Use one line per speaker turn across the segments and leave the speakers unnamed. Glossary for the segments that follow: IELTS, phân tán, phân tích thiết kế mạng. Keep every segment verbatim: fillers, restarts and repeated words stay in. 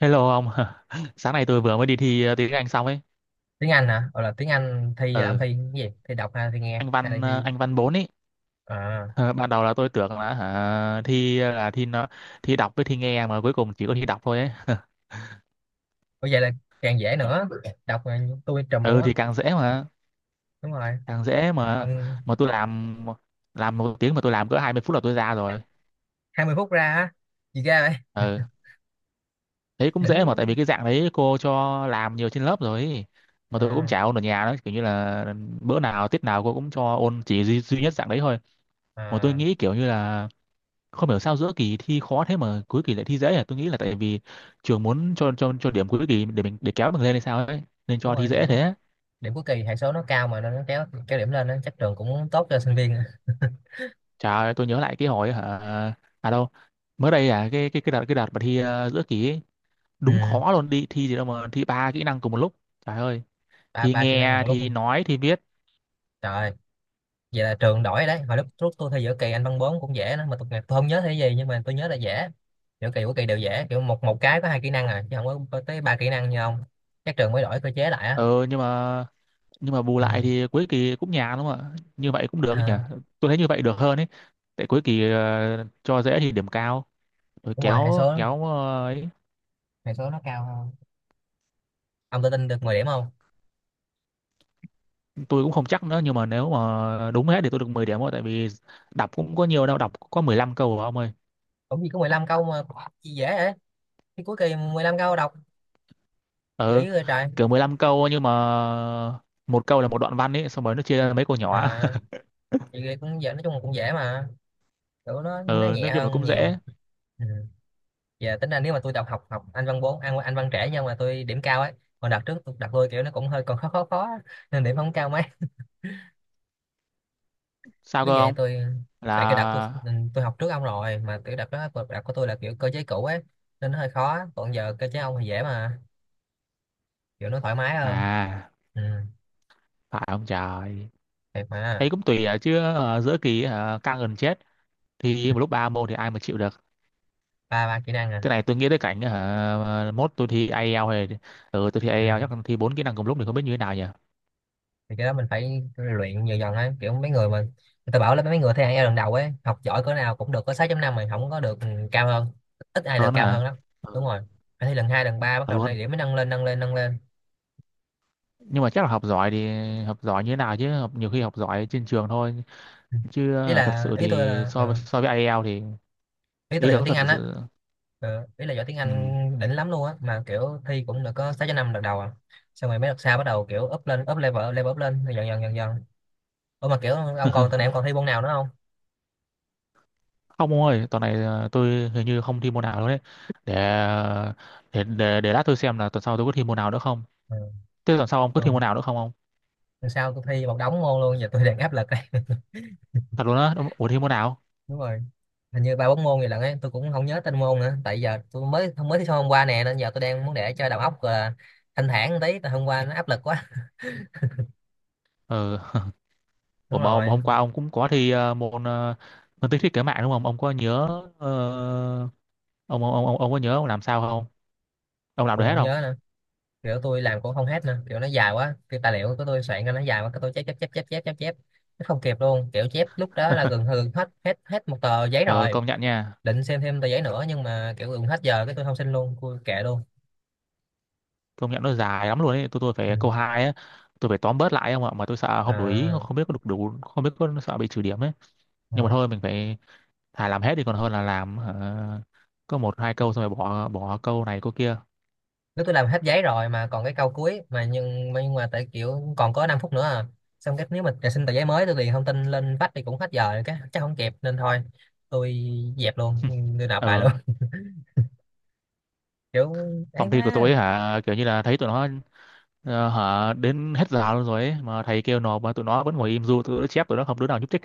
Hello ông, sáng nay tôi vừa mới đi thi ờ, tiếng Anh xong ấy.
Tiếng Anh hả? Hoặc là tiếng Anh thi, là ông
Ờ,
thi cái gì? Thi đọc hay là thi nghe
anh
hay là
văn ờ,
thi...
anh văn Bốn ấy.
À
Ờ, ban đầu là tôi tưởng là hả, thi ờ, là thi nó thi đọc với thi nghe mà cuối cùng chỉ có thi đọc thôi ấy.
có, vậy là càng dễ nữa. Đọc là tôi trùm luôn
Ừ
á.
thì càng dễ mà,
Đúng rồi
càng dễ mà
ông.
mà tôi làm làm một tiếng mà tôi làm cỡ hai mươi phút là tôi ra rồi.
hai mươi phút ra á? Gì ra vậy?
Ờ, đấy cũng dễ mà
Đỉnh.
tại vì cái dạng đấy cô cho làm nhiều trên lớp rồi ấy. Mà tôi cũng
À,
chả ôn ở nhà đó, kiểu như là bữa nào tiết nào cô cũng cho ôn chỉ duy, duy nhất dạng đấy thôi. Mà tôi
à,
nghĩ kiểu như là không hiểu sao giữa kỳ thi khó thế mà cuối kỳ lại thi dễ, à tôi nghĩ là tại vì trường muốn cho cho cho điểm cuối kỳ để mình để kéo mình lên hay sao ấy nên
đúng
cho thi
rồi,
dễ
điểm
thế.
điểm cuối kỳ hệ số nó cao mà nên nó kéo kéo điểm lên á, chắc trường cũng tốt cho sinh viên.
Trời ơi, tôi nhớ lại cái hồi hả à đâu mới đây, à cái cái cái đợt cái đợt mà thi ờ, giữa kỳ ấy,
Ừ.
đúng khó luôn, đi thi gì đâu mà thi ba kỹ năng cùng một lúc. Trời ơi,
ba
thi
ba kỹ năng
nghe
một lúc,
thi nói thi viết.
trời. Vậy là trường đổi đấy. Hồi lúc lúc tôi thi giữa kỳ anh văn bốn cũng dễ đó, mà tôi, tôi không nhớ thi gì nhưng mà tôi nhớ là dễ. Giữa kỳ của kỳ đều dễ, kiểu một một cái có hai kỹ năng à chứ không có có tới ba kỹ năng như ông. Chắc trường mới đổi cơ chế lại á.
ờ nhưng mà nhưng mà bù
Ừ.
lại thì cuối kỳ cũng nhàn đúng không ạ? Như vậy cũng được nhỉ,
À,
tôi thấy như vậy được hơn ấy. Tại cuối kỳ ờ, cho dễ thì điểm cao rồi
đúng rồi, hệ
kéo
số
kéo ờ, ấy.
hệ số nó cao hơn. Ông tự tin được mười điểm không?
Tôi cũng không chắc nữa nhưng mà nếu mà đúng hết thì tôi được mười điểm thôi, tại vì đọc cũng có nhiều đâu, đọc có mười lăm câu rồi ông ơi.
Cũng gì có mười lăm câu mà? Gì dễ vậy? Cái cuối kỳ mười lăm câu đọc,
Ừ,
dễ rồi trời.
kiểu mười lăm câu nhưng mà một câu là một đoạn văn ấy xong rồi nó chia ra mấy câu nhỏ.
À vậy cũng dễ, nói chung là cũng dễ mà. Kiểu nó nó
Ừ, nói
nhẹ
chung là
hơn
cũng
nhiều.
dễ.
Ừ. Giờ tính ra nếu mà tôi đọc học học anh văn bốn, anh anh văn trẻ nhưng mà tôi điểm cao ấy. Còn đợt trước tôi đặt tôi kiểu nó cũng hơi còn khó khó khó á, nên điểm không cao mấy.
Sao
Biết
cơ
vậy
ông?
tôi... Tại cái đợt tôi
Là
ừ, tôi học trước ông rồi mà, kiểu đợt đó đợt của tôi là kiểu cơ chế cũ ấy. Nên nó hơi khó, còn giờ cơ chế ông thì dễ mà, kiểu nó thoải mái hơn.
à
Ừ,
phải ông trời,
thiệt mà.
thấy cũng tùy à, chứ ờ, giữa kỳ ờ, căng gần chết, thì một lúc ba môn thì ai mà chịu được.
Ba ba kỹ năng à?
Cái này tôi nghĩ tới cảnh uh, mốt tôi thi ai eo hay ừ tôi thi
Ừ.
ai eo chắc là thi bốn kỹ năng cùng lúc thì không biết như thế nào nhỉ.
Thì cái đó mình phải luyện dần dần ấy, kiểu mấy người mà người ta bảo là mấy người thi IELTS lần đầu ấy, học giỏi cỡ nào cũng được có sáu chấm năm mà không có được ừ, cao hơn. Ít ai được
Hơn
cao hơn
hả?
lắm. Đúng rồi, phải thi lần hai lần ba bắt
Thật
đầu này
luôn,
điểm mới nâng lên nâng lên nâng lên.
nhưng mà chắc là học giỏi thì học giỏi như thế nào, chứ học nhiều khi học giỏi trên trường thôi,
Ừ.
chứ
ý
ờ, thật
là
sự
ý tôi
thì
là
so với
ờ,
so với ai eo thì
Ý tôi
ý
là
là
giỏi
có
tiếng
thật
Anh á.
sự.
Ờ, ý là giỏi tiếng
Ừ.
Anh đỉnh lắm luôn á mà kiểu thi cũng được có sáu chấm năm lần đầu à? Xong rồi mấy đợt sau bắt đầu kiểu up lên, up level, level up lên dần dần dần dần. Ủa mà kiểu ông còn tuần này, em còn thi môn nào nữa không?
Không ông ơi, tuần này ờ, tôi hình như không thi môn nào luôn đấy. Để ờ, để để để lát tôi xem là tuần sau tôi có thi môn nào nữa không.
Ừ.
Thế tuần sau ông có
Ừ.
thi môn nào nữa không ông?
Sao tôi thi một đống môn luôn, giờ tôi đang áp lực đây.
Thật luôn á ông, ủa thi môn nào?
Đúng rồi. Hình như ba bốn môn gì lận ấy, tôi cũng không nhớ tên môn nữa, tại giờ tôi mới mới thi xong hôm qua nè, nên giờ tôi đang muốn để cho đầu óc uh, thanh thản tí, tại hôm qua nó áp lực quá.
Ừ. Ủa
Đúng
mà ông
rồi,
hôm qua ông cũng có thi ờ, môn ờ, phân tích thiết kế mạng đúng không ông, có nhớ? Ờ, ông, ông ông ông có nhớ ông làm sao không? Ông làm được
tôi
hết
không
không?
nhớ nữa, kiểu tôi làm cũng không hết nữa, kiểu nó dài quá, cái tài liệu của tôi soạn ra nó dài quá cái tôi chép chép chép chép chép chép chép. Nó không kịp luôn, kiểu chép lúc đó là gần hư hết hết hết một tờ giấy
Ờ
rồi.
công nhận nha.
Định xem thêm tờ giấy nữa nhưng mà kiểu gần hết giờ cái tôi không xin luôn, tôi kệ luôn.
Công nhận nó dài lắm luôn ấy, tôi tôi
Ừ.
phải câu hai á. Tôi phải tóm bớt lại không ạ, mà tôi sợ không đủ ý,
À.
không biết có được đủ không, biết có sợ bị trừ điểm ấy. Nhưng mà
Ừ.
thôi mình phải thà làm hết đi còn hơn là làm hả, có một hai câu xong rồi bỏ bỏ câu này câu kia.
Nếu tôi làm hết giấy rồi mà còn cái câu cuối mà, nhưng mà, nhưng mà tại kiểu còn có năm phút nữa à. Xong cái nếu mà xin tờ giấy mới tôi điền thông tin lên vách thì cũng hết giờ rồi, cái chắc không kịp nên thôi tôi dẹp luôn, tôi nộp bài luôn.
Ờ,
Kiểu ấy
phòng thi của tôi
quá.
ấy, hả kiểu như là thấy tụi nó ờ, hả đến hết giờ luôn rồi ấy mà thầy kêu nộp mà tụi nó vẫn ngồi im du tụi nó chép, tụi nó không đứa nào nhúc nhích.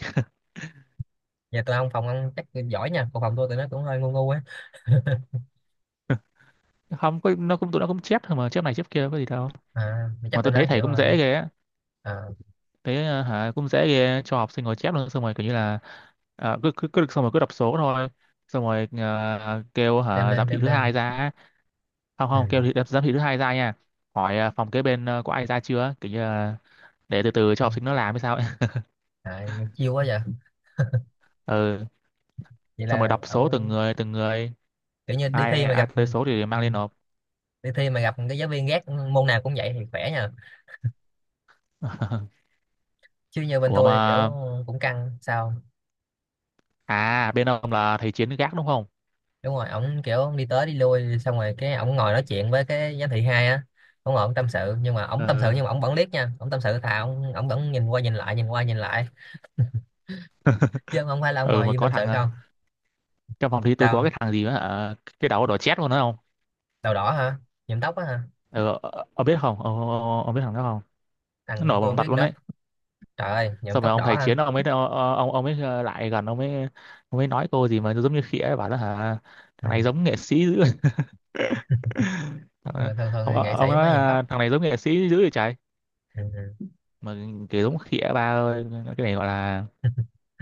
Giờ tôi không, phòng ông chắc giỏi nha, còn phòng tôi tụi nó cũng hơi ngu ngu á.
Không có, nó cũng tụi nó cũng chép thôi mà, chép này chép kia có gì đâu.
À mà
Mà
chắc
tôi
tụi
thấy
nó
thầy
kiểu
cũng
là,
dễ ghê á.
à,
Thế à, hả cũng dễ ghê cho học sinh ngồi chép luôn xong rồi kiểu như là à, cứ, cứ cứ xong rồi cứ đọc số thôi. Xong rồi à, kêu
đem
hả
lên
giám thị
đem
thứ hai
lên.
ra. Không
Ừ
không, kêu thị, giám thị thứ hai ra nha. Hỏi à, phòng kế bên à, có ai ra chưa kiểu như là để từ từ cho học
không,
sinh nó làm hay sao ấy.
à, chiêu quá vậy.
Ừ,
Vậy
xong rồi
là
đọc số từng
ông...
người từng người,
Kiểu như đi
ai
thi mà
ai
gặp ừ,
tới số thì
ừ,
mang lên nộp.
đi thi mà gặp cái giáo viên ghét môn nào cũng vậy thì khỏe nhờ. Chứ như bên
Ủa
tôi kiểu
mà
cũng căng sao?
à, bên ông là thầy Chiến gác đúng không?
Đúng rồi, ổng kiểu đi tới đi lui xong rồi cái ổng ngồi nói chuyện với cái giám thị hai á. Ổng ngồi ổng tâm sự nhưng mà ổng tâm sự nhưng
Ừ
mà ổng vẫn liếc nha, ổng tâm sự thà ổng ổng vẫn nhìn qua nhìn lại nhìn qua nhìn lại. Chứ không phải là ổng
ừ,
ngồi
mà
im
có
tâm sự
thằng à,
không.
trong phòng thi tôi có cái
Sao?
thằng gì mà hả cái đầu đỏ chét luôn đó.
Đầu đỏ hả? Nhuộm tóc á hả?
Ờ, ờ, ờ, ông biết không? Ông, ông, ông biết thằng đó không? Nó
Thằng...
nổi
tôi
bằng
không
mặt
biết
luôn
nữa.
đấy.
Trời ơi nhuộm
Xong rồi
tóc
ông
đỏ
thầy
hả?
Chiến ông ấy, ông ông ấy ờ, lại gần ông mới ông mới nói cô gì mà giống như khỉ ấy, bảo là hả
Ừ.
thằng này giống nghệ sĩ dữ. Ờ,
Ờ, thường thường
Ông,
thì nghệ
ông
sĩ
nói
mới nhuộm
là
tóc.
thằng này giống nghệ sĩ dữ vậy trời.
Ừ.
Mà kiểu giống khỉ ấy, ba ơi. Cái này gọi là
Ừ.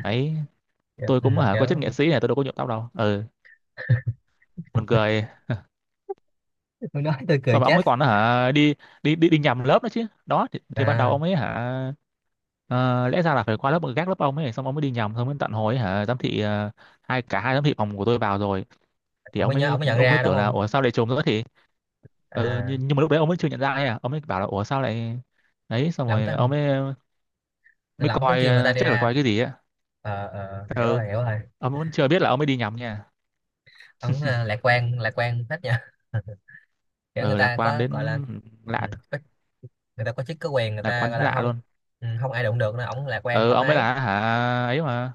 ấy,
Kiểu,
tôi
ừ.
cũng hả có
Kiểu
chất nghệ sĩ này tôi đâu có nhuộm tóc đâu. Ừ, buồn cười.
tôi nói tôi cười
Xong rồi ông
chết.
ấy còn hả đi đi đi đi nhầm lớp nữa chứ. Đó thì, thì ban đầu
À
ông ấy hả Ờ, lẽ ra là phải qua lớp gác lớp ông ấy xong ông mới đi nhầm, xong mới tận hồi ấy, hả giám thị ờ, hai, cả hai giám thị phòng của tôi vào rồi thì
ổng
ông
mới nhớ, ổng
mới
mới nhận
ông mới
ra đúng
tưởng là
không?
ủa sao lại trùng nữa thì ừ,
À,
nhưng, nhưng mà lúc đấy ông mới chưa nhận ra ấy à, ông mới bảo là ủa sao lại đấy xong
là ổng
rồi ông
tính...
mới mới
là ổng tính
coi
kêu người ta
ờ,
đi
chắc là coi
ra.
cái gì á.
Ờ ờ, hiểu
Ừ,
rồi, hiểu rồi.
ông vẫn chưa biết là ông mới đi nhầm nha.
Ông ờ, lạc quan lạc quan hết nha. Kiểu người
Ừ, lạc
ta
quan
có
đến
gọi là ừ,
lạ
có- người ta có chức có quyền người
lạc
ta
quan
gọi
đến
là
lạ
không?
luôn.
Ừ, không ai đụng được nên ổng lạc quan
Ừ,
thoải
ông mới
mái
là hả ấy mà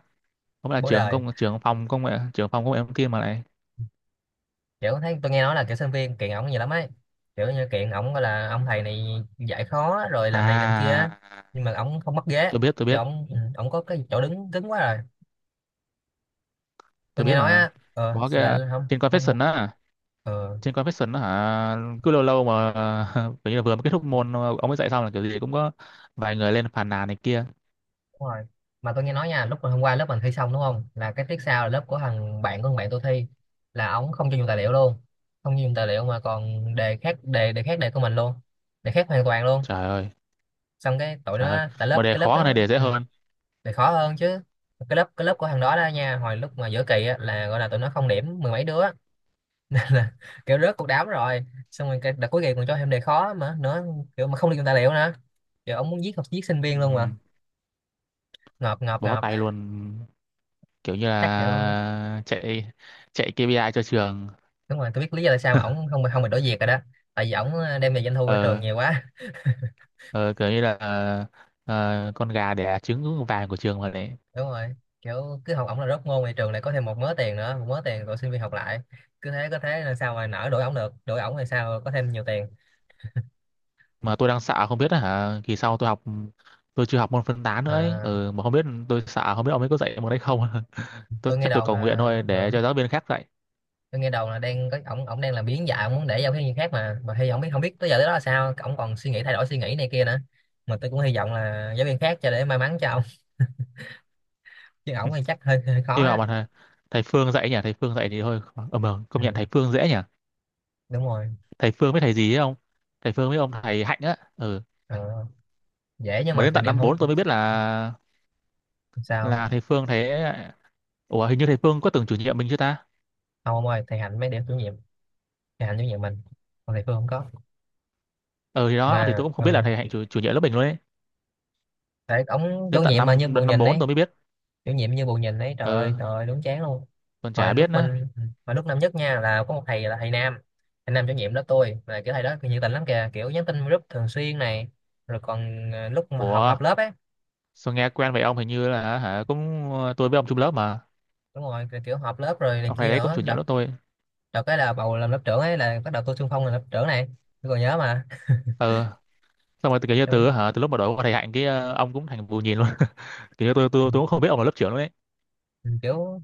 ông ấy là
bố
trưởng
đời.
công trưởng phòng công nghệ, trưởng phòng công nghệ thông tin mà lại
Kiểu thấy tôi nghe nói là kiểu sinh viên kiện ổng nhiều lắm ấy, kiểu như kiện ổng gọi là ông thầy này dạy khó rồi làm này làm kia á.
à.
Nhưng mà ổng không mất ghế,
tôi biết tôi
kiểu
biết
ổng ừ, ổng có cái chỗ đứng cứng quá rồi. Tôi
tôi
nghe
biết
nói
mà
á ờ
có cái à,
là không
trên
không
confession á,
ờ.
trên confession á hả cứ lâu lâu mà. Kiểu như là vừa mới kết thúc môn ờ, ông ấy dạy xong là kiểu gì cũng có vài người lên phàn nàn này kia.
Đúng rồi. Mà tôi nghe nói nha, lúc mà hôm qua lớp mình thi xong đúng không? Là cái tiết sau là lớp của thằng bạn của thằng bạn tôi thi, là ổng không cho dùng tài liệu luôn. Không cho dùng tài liệu mà còn đề khác đề đề khác đề của mình luôn. Đề khác hoàn toàn luôn.
Trời ơi,
Xong cái tụi
trời ơi,
nó tại lớp
mà đề
cái lớp
khó hơn này
đó
đề dễ
ừ,
hơn.
đề khó hơn chứ. Cái lớp cái lớp của thằng đó đó nha, hồi lúc mà giữa kỳ á, là gọi là tụi nó không điểm mười mấy đứa. Là kiểu rớt cuộc đám rồi. Xong rồi cái đợt cuối kỳ còn cho thêm đề khó mà nữa, kiểu mà không được dùng tài liệu nữa. Kiểu ông muốn giết học giết sinh
Ừ.
viên luôn mà. Ngợp ngợp
Bó
ngợp,
tay luôn, kiểu như
chắc kiểu...
là chạy chạy kê pi ai cho trường.
Đúng rồi, tôi biết lý do tại sao mà ổng không không bị đổi việc rồi đó. Tại vì ổng ờ, đem về doanh thu cho trường
Ờ,
nhiều quá.
ờ kiểu như là ờ, con gà đẻ trứng vàng của trường mà đấy.
Đúng rồi, kiểu cứ học ổng là rớt môn thì trường lại có thêm một mớ tiền nữa, một mớ tiền rồi sinh viên học lại, cứ thế có thế, là sao mà nỡ đuổi ổng được, đuổi ổng thì sao có thêm nhiều tiền.
Mà tôi đang sợ không biết là hả kỳ sau tôi học, tôi chưa học môn phân tán nữa ấy,
À,
ừ, mà không biết, tôi sợ không biết ông ấy có dạy môn đấy không. Tôi
tôi nghe
chắc tôi
đồn
cầu nguyện
là
thôi
ờ,
để cho giáo viên khác dạy.
tôi nghe đồn là đang có ổng ổng đang làm biến dạng, ổng muốn để giao cái viên khác, mà mà hy vọng biết, không biết tới giờ tới đó là sao ổng còn suy nghĩ thay đổi suy nghĩ này kia nữa. Mà tôi cũng hy vọng là giáo viên khác cho để may mắn cho ổng, chứ ổng thì chắc hơi, hơi khó
Nhưng mà
á.
mà thầy, thầy Phương dạy nhỉ, thầy Phương dạy thì thôi. Ờ mà
Ừ,
công nhận thầy Phương dễ nhỉ.
đúng rồi.
Thầy Phương với thầy gì ấy, không, thầy Phương với ông thầy Hạnh á ừ.
Ờ, dễ nhưng
Mà
mà
đến
kiểu
tận
điểm
năm
không.
bốn tôi mới biết là
Sao?
là thầy Phương thế. Ủa hình như thầy Phương có từng chủ nhiệm mình chưa ta?
Không ông ơi, thầy Hạnh mới để chủ nhiệm. Thầy Hạnh chủ nhiệm mình, còn thầy Phương không có.
Ừ thì đó, thì
Mà
tôi cũng không biết là
ờ,
thầy Hạnh chủ, chủ nhiệm lớp mình luôn ấy.
tại ông
Đến
chủ
tận
nhiệm mà như
năm
bù
năm
nhìn
bốn
ấy,
tôi mới biết.
chủ nhiệm như bù nhìn ấy, trời
Ừ,
ơi trời ơi đúng chán luôn.
còn
hồi
chả biết
lúc
nữa.
mình Hồi lúc năm nhất nha, là có một thầy là thầy Nam. Thầy Nam chủ nhiệm lớp tôi, là kiểu thầy đó nhiệt tình lắm kìa, kiểu nhắn tin group thường xuyên này, rồi còn ờ, lúc mà họp
Ủa,
họp lớp ấy.
sao nghe quen vậy ông, hình như là hả cũng tôi với ông chung lớp mà,
Đúng rồi, kiểu, kiểu họp lớp rồi này
ông thầy
kia
đấy cũng
nữa
chủ
đợt.
nhiệm lớp tôi.
Đợt cái là bầu làm lớp trưởng ấy là bắt đầu tôi xung phong làm lớp trưởng này, tôi còn nhớ mà.
Ờ, xong rồi từ kiểu như
Xong,
từ hả từ lúc mà đổi qua thầy Hạnh cái ờ, ông cũng thành bù nhìn luôn. Kiểu như tôi tôi tôi cũng không biết ông là lớp trưởng luôn đấy.
ừ, kiểu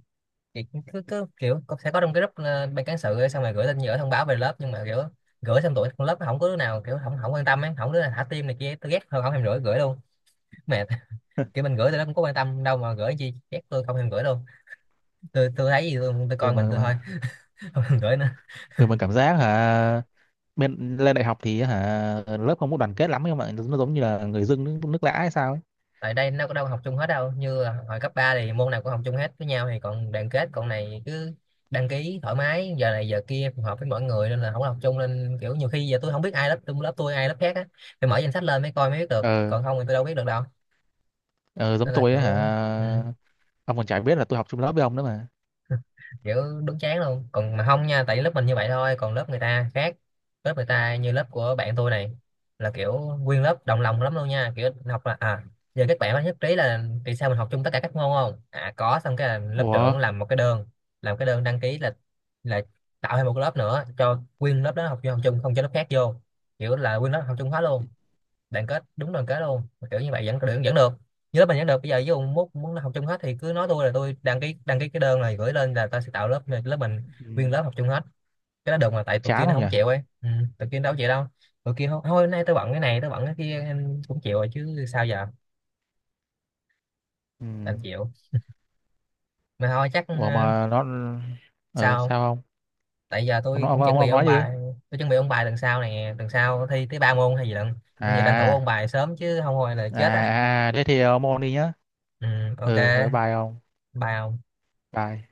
chị cứ cứ kiểu có- sẽ có trong cái group ờ, ban cán sự ấy, xong rồi gửi tin gửi thông báo về lớp nhưng mà kiểu... Gửi xong tụi con lớp nó không có đứa nào kiểu không không quan tâm ấy, không đứa nào thả tim này kia, tôi ghét hơn không thèm gửi gửi luôn. Mệt. Kiểu mình gửi tôi nó cũng có quan tâm đâu mà gửi chi, ghét tôi không thèm gửi luôn, tôi tôi thấy gì tôi, tôi
Ừ.
coi mình
mà,
tôi
mà
thôi. Không thèm gửi nữa.
ừ mà cảm giác hả bên lên đại học thì hả lớp không có đoàn kết lắm nhưng mà nó giống như là người dưng nước, nước lã hay sao ấy.
Tại đây nó có đâu học chung hết đâu, như là hồi cấp ba thì môn nào cũng học chung hết với nhau thì còn đoàn kết còn này cứ... Đăng ký thoải mái giờ này giờ kia phù hợp với mọi người, nên là không có học chung nên kiểu nhiều khi giờ tôi không biết ai lớp tôi lớp tôi ai lớp khác á. Phải mở danh sách lên mới coi mới biết được,
Ờ,
còn không thì tôi đâu biết được đâu.
ờ giống
Nên là
tôi
kiểu.
ấy, hả
Ừ.
ông còn chả biết là tôi học chung lớp với ông nữa mà.
Kiểu đúng chán luôn. Còn mà không nha tại lớp mình như vậy thôi, còn lớp người ta khác. Lớp người ta như lớp của bạn tôi này, là kiểu... Nguyên lớp đồng lòng lắm luôn nha, kiểu học là à giờ các bạn có nhất trí là vì sao mình học chung tất cả các môn không? À có. Xong cái là lớp
Ủa,
trưởng làm một cái đơn. Làm cái đơn đăng ký là là tạo thêm một cái lớp nữa cho nguyên lớp đó học chung, học chung không cho lớp khác vô. Kiểu là nguyên lớp học chung hết luôn. Đoàn kết, đúng đoàn kết luôn. Kiểu như vậy vẫn vẫn, vẫn được. Nhớ mình vẫn được bây giờ với ông, muốn muốn học chung hết thì cứ nói tôi là tôi đăng ký đăng ký cái đơn này gửi lên là ta sẽ tạo lớp lớp mình. Nguyên
ừ.
lớp học chung hết. Cái đó được mà, tại tụi
Chán
kia nó
không nhỉ?
không chịu ấy ừ. Tụi kia đâu chịu đâu. Tụi kia thôi thôi hôm nay tôi bận cái này, tôi bận cái kia, em cũng chịu rồi chứ sao giờ,
Ừ.
đành chịu. Mà thôi chắc ờ,
Ủa mà nó ờ
sao,
sao không?
tại giờ
Ông
tôi
nói ông
cũng chuẩn
ông
bị
ông
ôn
nói đi.
bài, tôi chuẩn bị ôn bài lần sau này lần sau thi tới ba môn hay gì lận. Nên giờ tranh thủ ôn
À,
bài sớm chứ không thôi là chết
à,
á.
à thế thì ông môn đi nhá.
Ừ, ok.
Ừ ừ, bye ông.
Bài ông.
Bye.